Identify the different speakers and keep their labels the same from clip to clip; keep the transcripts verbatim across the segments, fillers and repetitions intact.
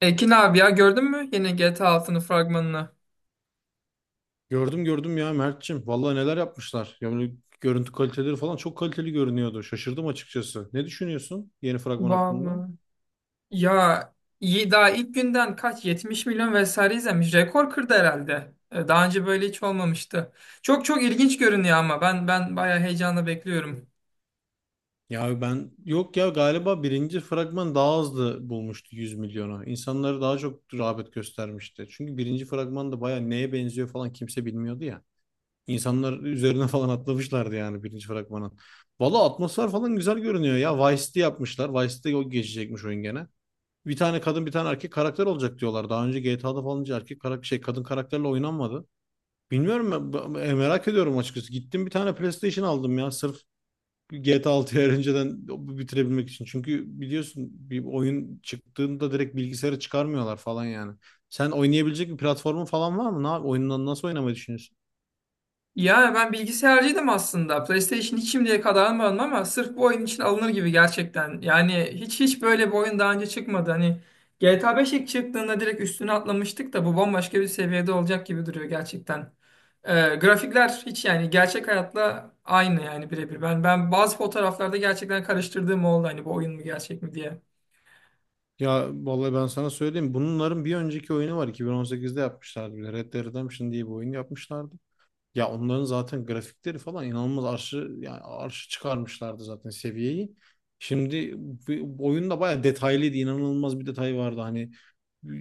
Speaker 1: Ekin abi ya gördün mü yine G T A altının fragmanını?
Speaker 2: Gördüm gördüm ya Mert'cim. Vallahi neler yapmışlar. Yani görüntü kaliteleri falan çok kaliteli görünüyordu. Şaşırdım açıkçası. Ne düşünüyorsun yeni fragman hakkında?
Speaker 1: Vallahi. Ya iyi daha ilk günden kaç yetmiş milyon vesaire izlemiş. Rekor kırdı herhalde. E, Daha önce böyle hiç olmamıştı. Çok çok ilginç görünüyor ama ben ben bayağı heyecanla bekliyorum.
Speaker 2: Ya ben yok ya galiba birinci fragman daha hızlı bulmuştu yüz milyona. İnsanları daha çok rağbet göstermişti. Çünkü birinci fragman da baya neye benziyor falan kimse bilmiyordu ya. İnsanlar üzerine falan atlamışlardı yani birinci fragmanın. Valla atmosfer falan güzel görünüyor ya. Vice'de yapmışlar. Vice'de o geçecekmiş oyun gene. Bir tane kadın bir tane erkek karakter olacak diyorlar. Daha önce G T A'da falan hiç erkek karakter şey kadın karakterle oynanmadı. Bilmiyorum ben, merak ediyorum açıkçası. Gittim bir tane PlayStation aldım ya sırf G T A altıyı önceden bitirebilmek için. Çünkü biliyorsun bir oyun çıktığında direkt bilgisayara çıkarmıyorlar falan yani. Sen oynayabilecek bir platformun falan var mı? Ne yap- oyundan nasıl oynamayı düşünüyorsun?
Speaker 1: Ya ben bilgisayarcıydım aslında. PlayStation hiç şimdiye kadar almadım ama sırf bu oyun için alınır gibi gerçekten. Yani hiç hiç böyle bir oyun daha önce çıkmadı. Hani G T A beş ilk çıktığında direkt üstüne atlamıştık da bu bambaşka bir seviyede olacak gibi duruyor gerçekten. Ee, grafikler hiç yani gerçek hayatla aynı yani birebir. Ben ben bazı fotoğraflarda gerçekten karıştırdığım oldu hani bu oyun mu gerçek mi diye.
Speaker 2: Ya vallahi ben sana söyleyeyim. Bunların bir önceki oyunu var. iki bin on sekizde yapmışlardı, bir de Red Dead Redemption diye bir oyun yapmışlardı. Ya onların zaten grafikleri falan inanılmaz arşı yani arşı çıkarmışlardı zaten seviyeyi. Şimdi bu- bu oyunda bayağı detaylıydı, inanılmaz bir detay vardı. Hani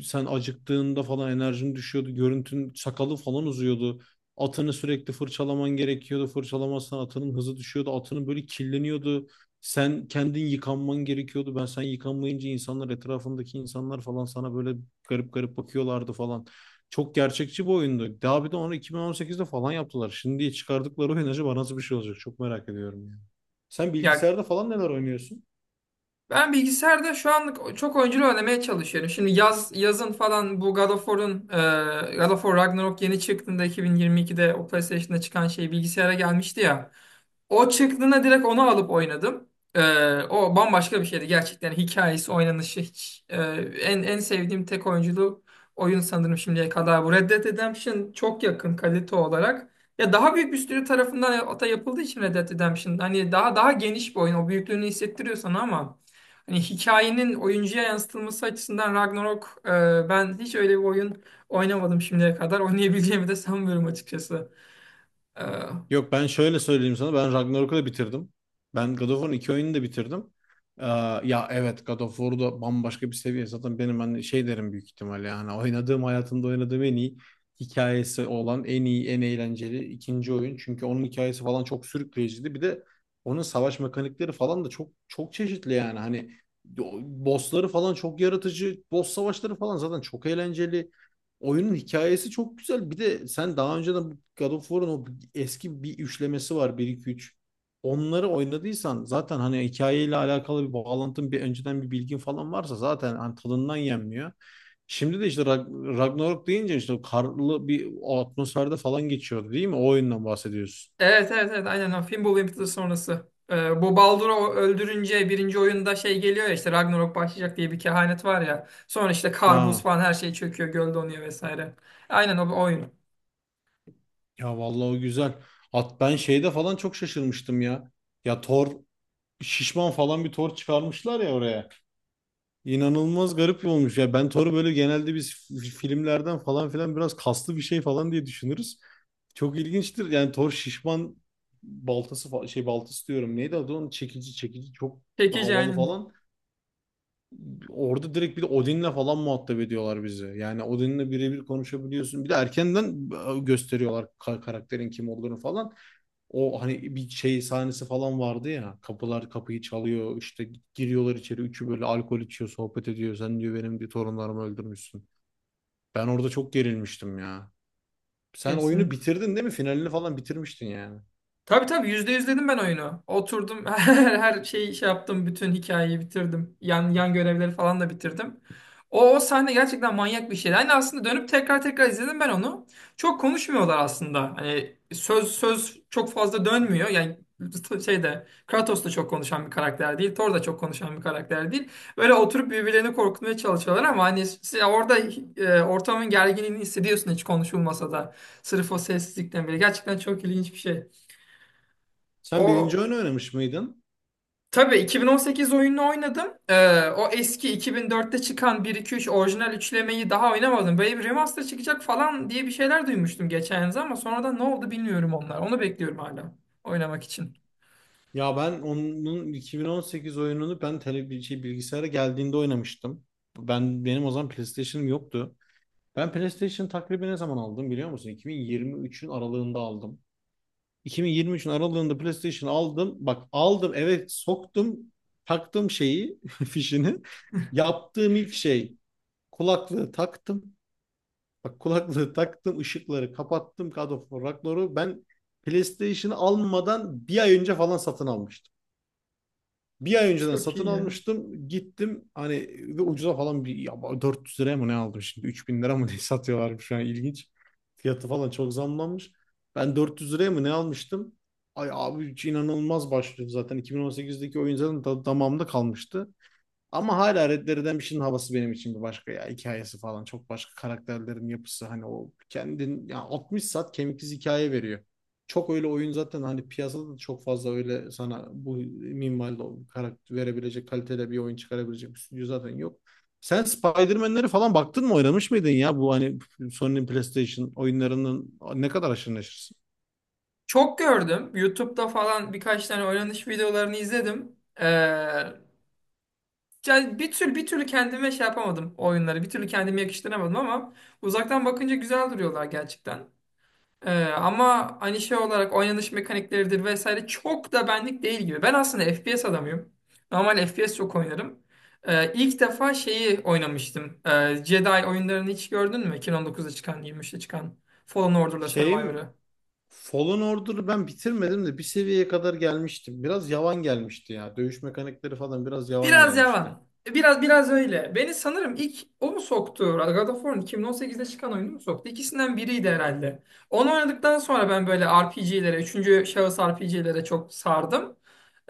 Speaker 2: sen acıktığında falan enerjin düşüyordu. Görüntün sakalı falan uzuyordu. Atını sürekli fırçalaman gerekiyordu. Fırçalamazsan atının hızı düşüyordu. Atının böyle kirleniyordu. Sen kendin yıkanman gerekiyordu. Ben sen yıkanmayınca insanlar etrafındaki insanlar falan sana böyle garip garip bakıyorlardı falan. Çok gerçekçi bir oyundu. Daha bir de onu iki bin on sekizde falan yaptılar. Şimdi çıkardıkları oyun acaba nasıl bir şey olacak? Çok merak ediyorum yani. Sen
Speaker 1: Ya
Speaker 2: bilgisayarda falan neler oynuyorsun?
Speaker 1: Ben bilgisayarda şu anlık çok oyunculu oynamaya çalışıyorum. Şimdi yaz yazın falan bu God of War'un e, God of War Ragnarok yeni çıktığında iki bin yirmi ikide o PlayStation'da çıkan şey bilgisayara gelmişti ya. O çıktığında direkt onu alıp oynadım. E, O bambaşka bir şeydi gerçekten. Hikayesi, oynanışı hiç e, en en sevdiğim tek oyunculu oyun sanırım şimdiye kadar bu. Red Dead Redemption çok yakın kalite olarak. Ya daha büyük bir stüdyo tarafından ata yapıldığı için Red Dead Redemption hani daha daha geniş bir oyun. O büyüklüğünü hissettiriyor sana ama hani hikayenin oyuncuya yansıtılması açısından Ragnarok e, ben hiç öyle bir oyun oynamadım şimdiye kadar. Oynayabileceğimi de sanmıyorum açıkçası. E,
Speaker 2: Yok ben şöyle söyleyeyim sana. Ben Ragnarok'u da bitirdim. Ben God of War'un iki oyununu da bitirdim. Ee, ya evet, God of War'da bambaşka bir seviye. Zaten benim hani şey derim büyük ihtimalle. Yani oynadığım hayatımda oynadığım en iyi hikayesi olan en iyi en eğlenceli ikinci oyun. Çünkü onun hikayesi falan çok sürükleyiciydi. Bir de onun savaş mekanikleri falan da çok çok çeşitli yani. Hani o bossları falan çok yaratıcı. Boss savaşları falan zaten çok eğlenceli. Oyunun hikayesi çok güzel. Bir de sen daha önceden bu God of War'un o eski bir üçlemesi var, bir iki üç. Onları oynadıysan zaten hani hikayeyle alakalı bir bağlantın, bir önceden bir bilgin falan varsa zaten hani tadından yenmiyor. Şimdi de işte Rag- Ragnarok deyince işte o karlı bir atmosferde falan geçiyordu değil mi? O oyundan bahsediyorsun.
Speaker 1: evet, evet, evet, aynen o Fimbul Winter sonrası. E, bu Baldur'u öldürünce birinci oyunda şey geliyor ya işte Ragnarok başlayacak diye bir kehanet var ya. Sonra işte Kar, buz
Speaker 2: Ha,
Speaker 1: falan her şey çöküyor, göl donuyor vesaire. Aynen o, o oyun.
Speaker 2: ya vallahi o güzel. At ben şeyde falan çok şaşırmıştım ya. Ya Thor şişman falan bir Thor çıkarmışlar ya oraya. İnanılmaz garip bir olmuş. Ya ben Thor'u böyle genelde biz f- filmlerden falan filan biraz kaslı bir şey falan diye düşünürüz. Çok ilginçtir. Yani Thor şişman baltası fa- şey baltası diyorum. Neydi adı onun? Çekici çekici çok
Speaker 1: Çekici,
Speaker 2: havalı
Speaker 1: aynen.
Speaker 2: falan. Orada direkt bir de Odin'le falan muhatap ediyorlar bizi. Yani Odin'le birebir konuşabiliyorsun. Bir de erkenden e, gösteriyorlar ka- karakterin kim olduğunu falan. O hani bir şey sahnesi falan vardı ya. Kapılar kapıyı çalıyor. İşte giriyorlar içeri. Üçü böyle alkol içiyor, sohbet ediyor. Sen diyor benim bir torunlarımı öldürmüşsün. Ben orada çok gerilmiştim ya. Sen oyunu
Speaker 1: Kesin.
Speaker 2: bitirdin değil mi? Finalini falan bitirmiştin yani.
Speaker 1: Tabii, tabii, yüzde yüz dedim ben oyunu. Oturdum her, her şeyi şey yaptım. Bütün hikayeyi bitirdim. Yan, yan görevleri falan da bitirdim. O, o sahne gerçekten manyak bir şeydi. Hani aslında dönüp tekrar tekrar izledim ben onu. Çok konuşmuyorlar aslında. Hani söz söz çok fazla dönmüyor. Yani şeyde Kratos da çok konuşan bir karakter değil. Thor da çok konuşan bir karakter değil. Böyle oturup birbirlerini korkutmaya çalışıyorlar ama hani s- orada e, ortamın gerginliğini hissediyorsun hiç konuşulmasa da. Sırf o sessizlikten bile. Gerçekten çok ilginç bir şey.
Speaker 2: Sen
Speaker 1: O
Speaker 2: birinci oyunu oynamış mıydın?
Speaker 1: tabii iki bin on sekiz oyununu oynadım. Ee, o eski iki bin dörtte çıkan bir iki üç orijinal üçlemeyi daha oynamadım. Böyle bir remaster çıkacak falan diye bir şeyler duymuştum geçen yıl ama sonradan ne oldu bilmiyorum onlar. Onu bekliyorum hala oynamak için.
Speaker 2: Ya ben onun iki bin on sekiz oyununu ben tele, şey, bilgisayara geldiğinde oynamıştım. Ben benim o zaman PlayStation'ım yoktu. Ben PlayStation takribi ne zaman aldım biliyor musun? iki bin yirmi üçün aralığında aldım. iki bin yirmi üçün aralığında PlayStation aldım. Bak aldım eve soktum. Taktım şeyi, fişini. Yaptığım ilk şey kulaklığı taktım. Bak kulaklığı taktım, ışıkları kapattım. God of War Ragnarok'u ben PlayStation'ı almadan bir ay önce falan satın almıştım. Bir ay önceden
Speaker 1: Çok
Speaker 2: satın
Speaker 1: iyi ya.
Speaker 2: almıştım. Gittim hani ve ucuza falan bir ya dört yüz liraya mı ne aldım şimdi? Üç bin lira mı ne satıyorlarmış şu an, ilginç. Fiyatı falan çok zamlanmış. Ben dört yüz liraya mı ne almıştım? Ay abi hiç inanılmaz başlıyordu zaten. iki bin on sekizdeki oyun zaten da- damağımda kalmıştı. Ama hala Red Dead Redemption'ın havası benim için bir başka ya. Hikayesi falan çok başka karakterlerin yapısı hani o kendin ya altmış saat kemiksiz hikaye veriyor. Çok öyle oyun zaten hani piyasada da çok fazla öyle sana bu minvalde o karakter verebilecek kalitede bir oyun çıkarabilecek bir stüdyo zaten yok. Sen Spider-Man'leri falan baktın mı oynamış mıydın ya bu hani Sony'nin PlayStation oyunlarının ne kadar aşırı neşirsin?
Speaker 1: Çok gördüm. YouTube'da falan birkaç tane oynanış videolarını izledim. Ee, Yani bir tür bir türlü kendime şey yapamadım oyunları. Bir türlü kendime yakıştıramadım ama uzaktan bakınca güzel duruyorlar gerçekten. Ee, ama hani şey olarak oynanış mekanikleridir vesaire çok da benlik değil gibi. Ben aslında F P S adamıyım. Normal F P S çok oynarım. Ee, ilk defa şeyi oynamıştım. Ee, Jedi oyunlarını hiç gördün mü? iki bin on dokuzda çıkan, yirmi üçte çıkan Fallen Order'la
Speaker 2: Şey mi?
Speaker 1: Survivor'ı.
Speaker 2: Fallen Order'ı ben bitirmedim de bir seviyeye kadar gelmiştim. Biraz yavan gelmişti ya. Dövüş mekanikleri falan biraz yavan
Speaker 1: Biraz
Speaker 2: gelmişti.
Speaker 1: yavan. Biraz biraz öyle. Beni sanırım ilk o mu soktu? God of War'un iki bin on sekizde çıkan oyunu mu soktu? İkisinden biriydi herhalde. Onu oynadıktan sonra ben böyle R P G'lere, üçüncü şahıs R P G'lere çok sardım.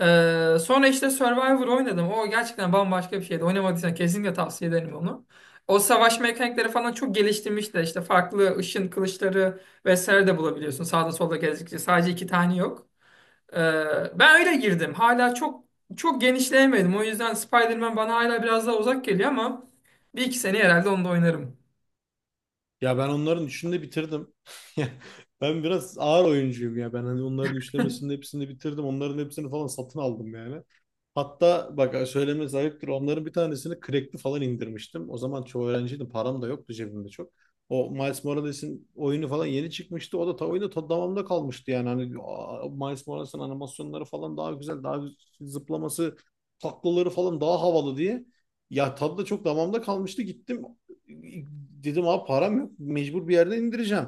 Speaker 1: Ee, sonra işte Survivor oynadım. O gerçekten bambaşka bir şeydi. Oynamadıysan kesinlikle tavsiye ederim onu. O savaş mekanikleri falan çok geliştirmiş de işte farklı ışın kılıçları vesaire de bulabiliyorsun. Sağda solda gezdikçe sadece iki tane yok. Ee, ben öyle girdim. Hala çok çok genişleyemedim. O yüzden Spider-Man bana hala biraz daha uzak geliyor ama bir iki sene herhalde onu da oynarım.
Speaker 2: Ya ben onların üçünü de bitirdim. Ya ben biraz ağır oyuncuyum ya. Ben hani onların üçlemesinin hepsini bitirdim. Onların hepsini falan satın aldım yani. Hatta bak söylemesi ayıptır. Onların bir tanesini crack'li falan indirmiştim. O zaman çoğu öğrenciydim. Param da yoktu cebimde çok. O Miles Morales'in oyunu falan yeni çıkmıştı. O da ta oyunda ta damamda kalmıştı yani. Hani aa, Miles Morales'in animasyonları falan daha güzel, daha güz- zıplaması, taklaları falan daha havalı diye. Ya tadı da çok damamda kalmıştı. Gittim, Dedim abi param yok. Mecbur bir yerden indireceğim.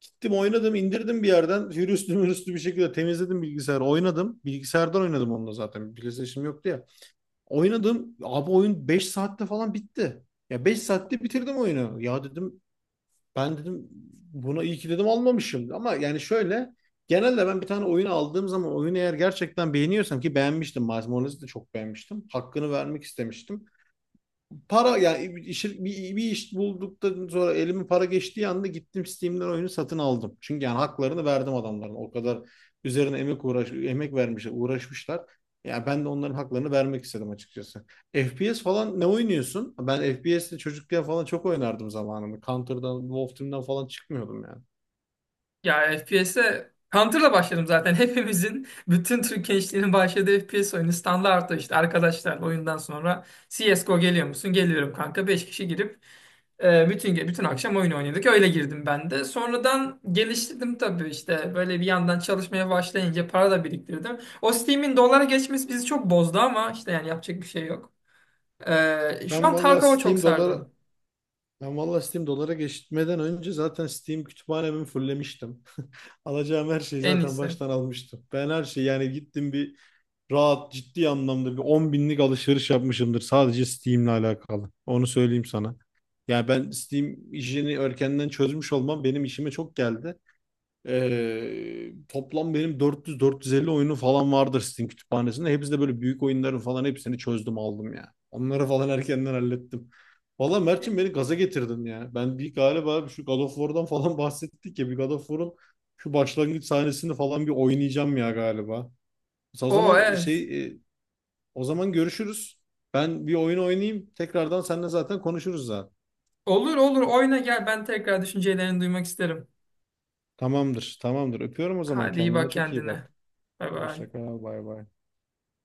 Speaker 2: Gittim oynadım indirdim bir yerden. Hürüstü mürüstü bir şekilde temizledim bilgisayarı. Oynadım. Bilgisayardan oynadım onunla zaten. PlayStation yoktu ya. Oynadım. Abi oyun beş saatte falan bitti. Ya beş saatte bitirdim oyunu. Ya dedim ben dedim buna iyi ki dedim almamışım. Ama yani şöyle genelde ben bir tane oyun aldığım zaman oyunu eğer gerçekten beğeniyorsam ki beğenmiştim. Miles Morales'i de çok beğenmiştim. Hakkını vermek istemiştim, para yani işi- bir, bir iş bulduktan sonra elime para geçtiği anda gittim Steam'den oyunu satın aldım. Çünkü yani haklarını verdim adamların. O kadar üzerine emek uğraş emek vermişler, uğraşmışlar. Yani ben de onların haklarını vermek istedim açıkçası. F P S falan ne oynuyorsun? Ben F P S'te çocukken falan çok oynardım zamanında. Counter'dan, Wolf Team'den falan çıkmıyordum yani.
Speaker 1: Ya F P S'e Counter'la başladım zaten. Hepimizin, bütün Türk gençliğinin başladığı F P S oyunu standart işte. Arkadaşlar, oyundan sonra C S G O geliyor musun? Geliyorum kanka. Beş kişi girip e, bütün ge- bütün akşam oyun oynadık. Öyle girdim ben de. Sonradan geliştirdim tabii işte. Böyle bir yandan çalışmaya başlayınca para da biriktirdim. O Steam'in dolara geçmesi bizi çok bozdu ama işte yani yapacak bir şey yok. E, şu
Speaker 2: Ben
Speaker 1: an
Speaker 2: valla
Speaker 1: Tarkov'a çok
Speaker 2: Steam
Speaker 1: sardım.
Speaker 2: doları Ben valla Steam dolara geçmeden önce zaten Steam kütüphanemi fullemiştim. Alacağım her şeyi
Speaker 1: En
Speaker 2: zaten
Speaker 1: iyisi.
Speaker 2: baştan almıştım. Ben her şeyi yani gittim bir rahat ciddi anlamda bir on binlik alışveriş yapmışımdır sadece Steam'le alakalı. Onu söyleyeyim sana. Yani ben Steam işini erkenden çözmüş olmam benim işime çok geldi. Ee, toplam benim dört yüz dört yüz elli oyunu falan vardır Steam kütüphanesinde. Hepsi de böyle büyük oyunların falan hepsini çözdüm aldım ya. Onları falan erkenden hallettim. Valla
Speaker 1: E,
Speaker 2: Mert'cim beni gaza getirdin ya. Ben bir galiba şu God of War'dan falan bahsettik ya. Bir God of War'un şu başlangıç sahnesini falan bir oynayacağım ya galiba. O
Speaker 1: O,
Speaker 2: zaman
Speaker 1: evet.
Speaker 2: şey e, o zaman görüşürüz. Ben bir oyun oynayayım. Tekrardan seninle zaten konuşuruz zaten.
Speaker 1: Olur, olur, oyna gel, ben tekrar düşüncelerini duymak isterim.
Speaker 2: Tamamdır, tamamdır. Öpüyorum o zaman.
Speaker 1: Hadi iyi
Speaker 2: Kendine
Speaker 1: bak
Speaker 2: çok iyi
Speaker 1: kendine.
Speaker 2: bak.
Speaker 1: Bay bay.
Speaker 2: Hoşça kal, bay bay.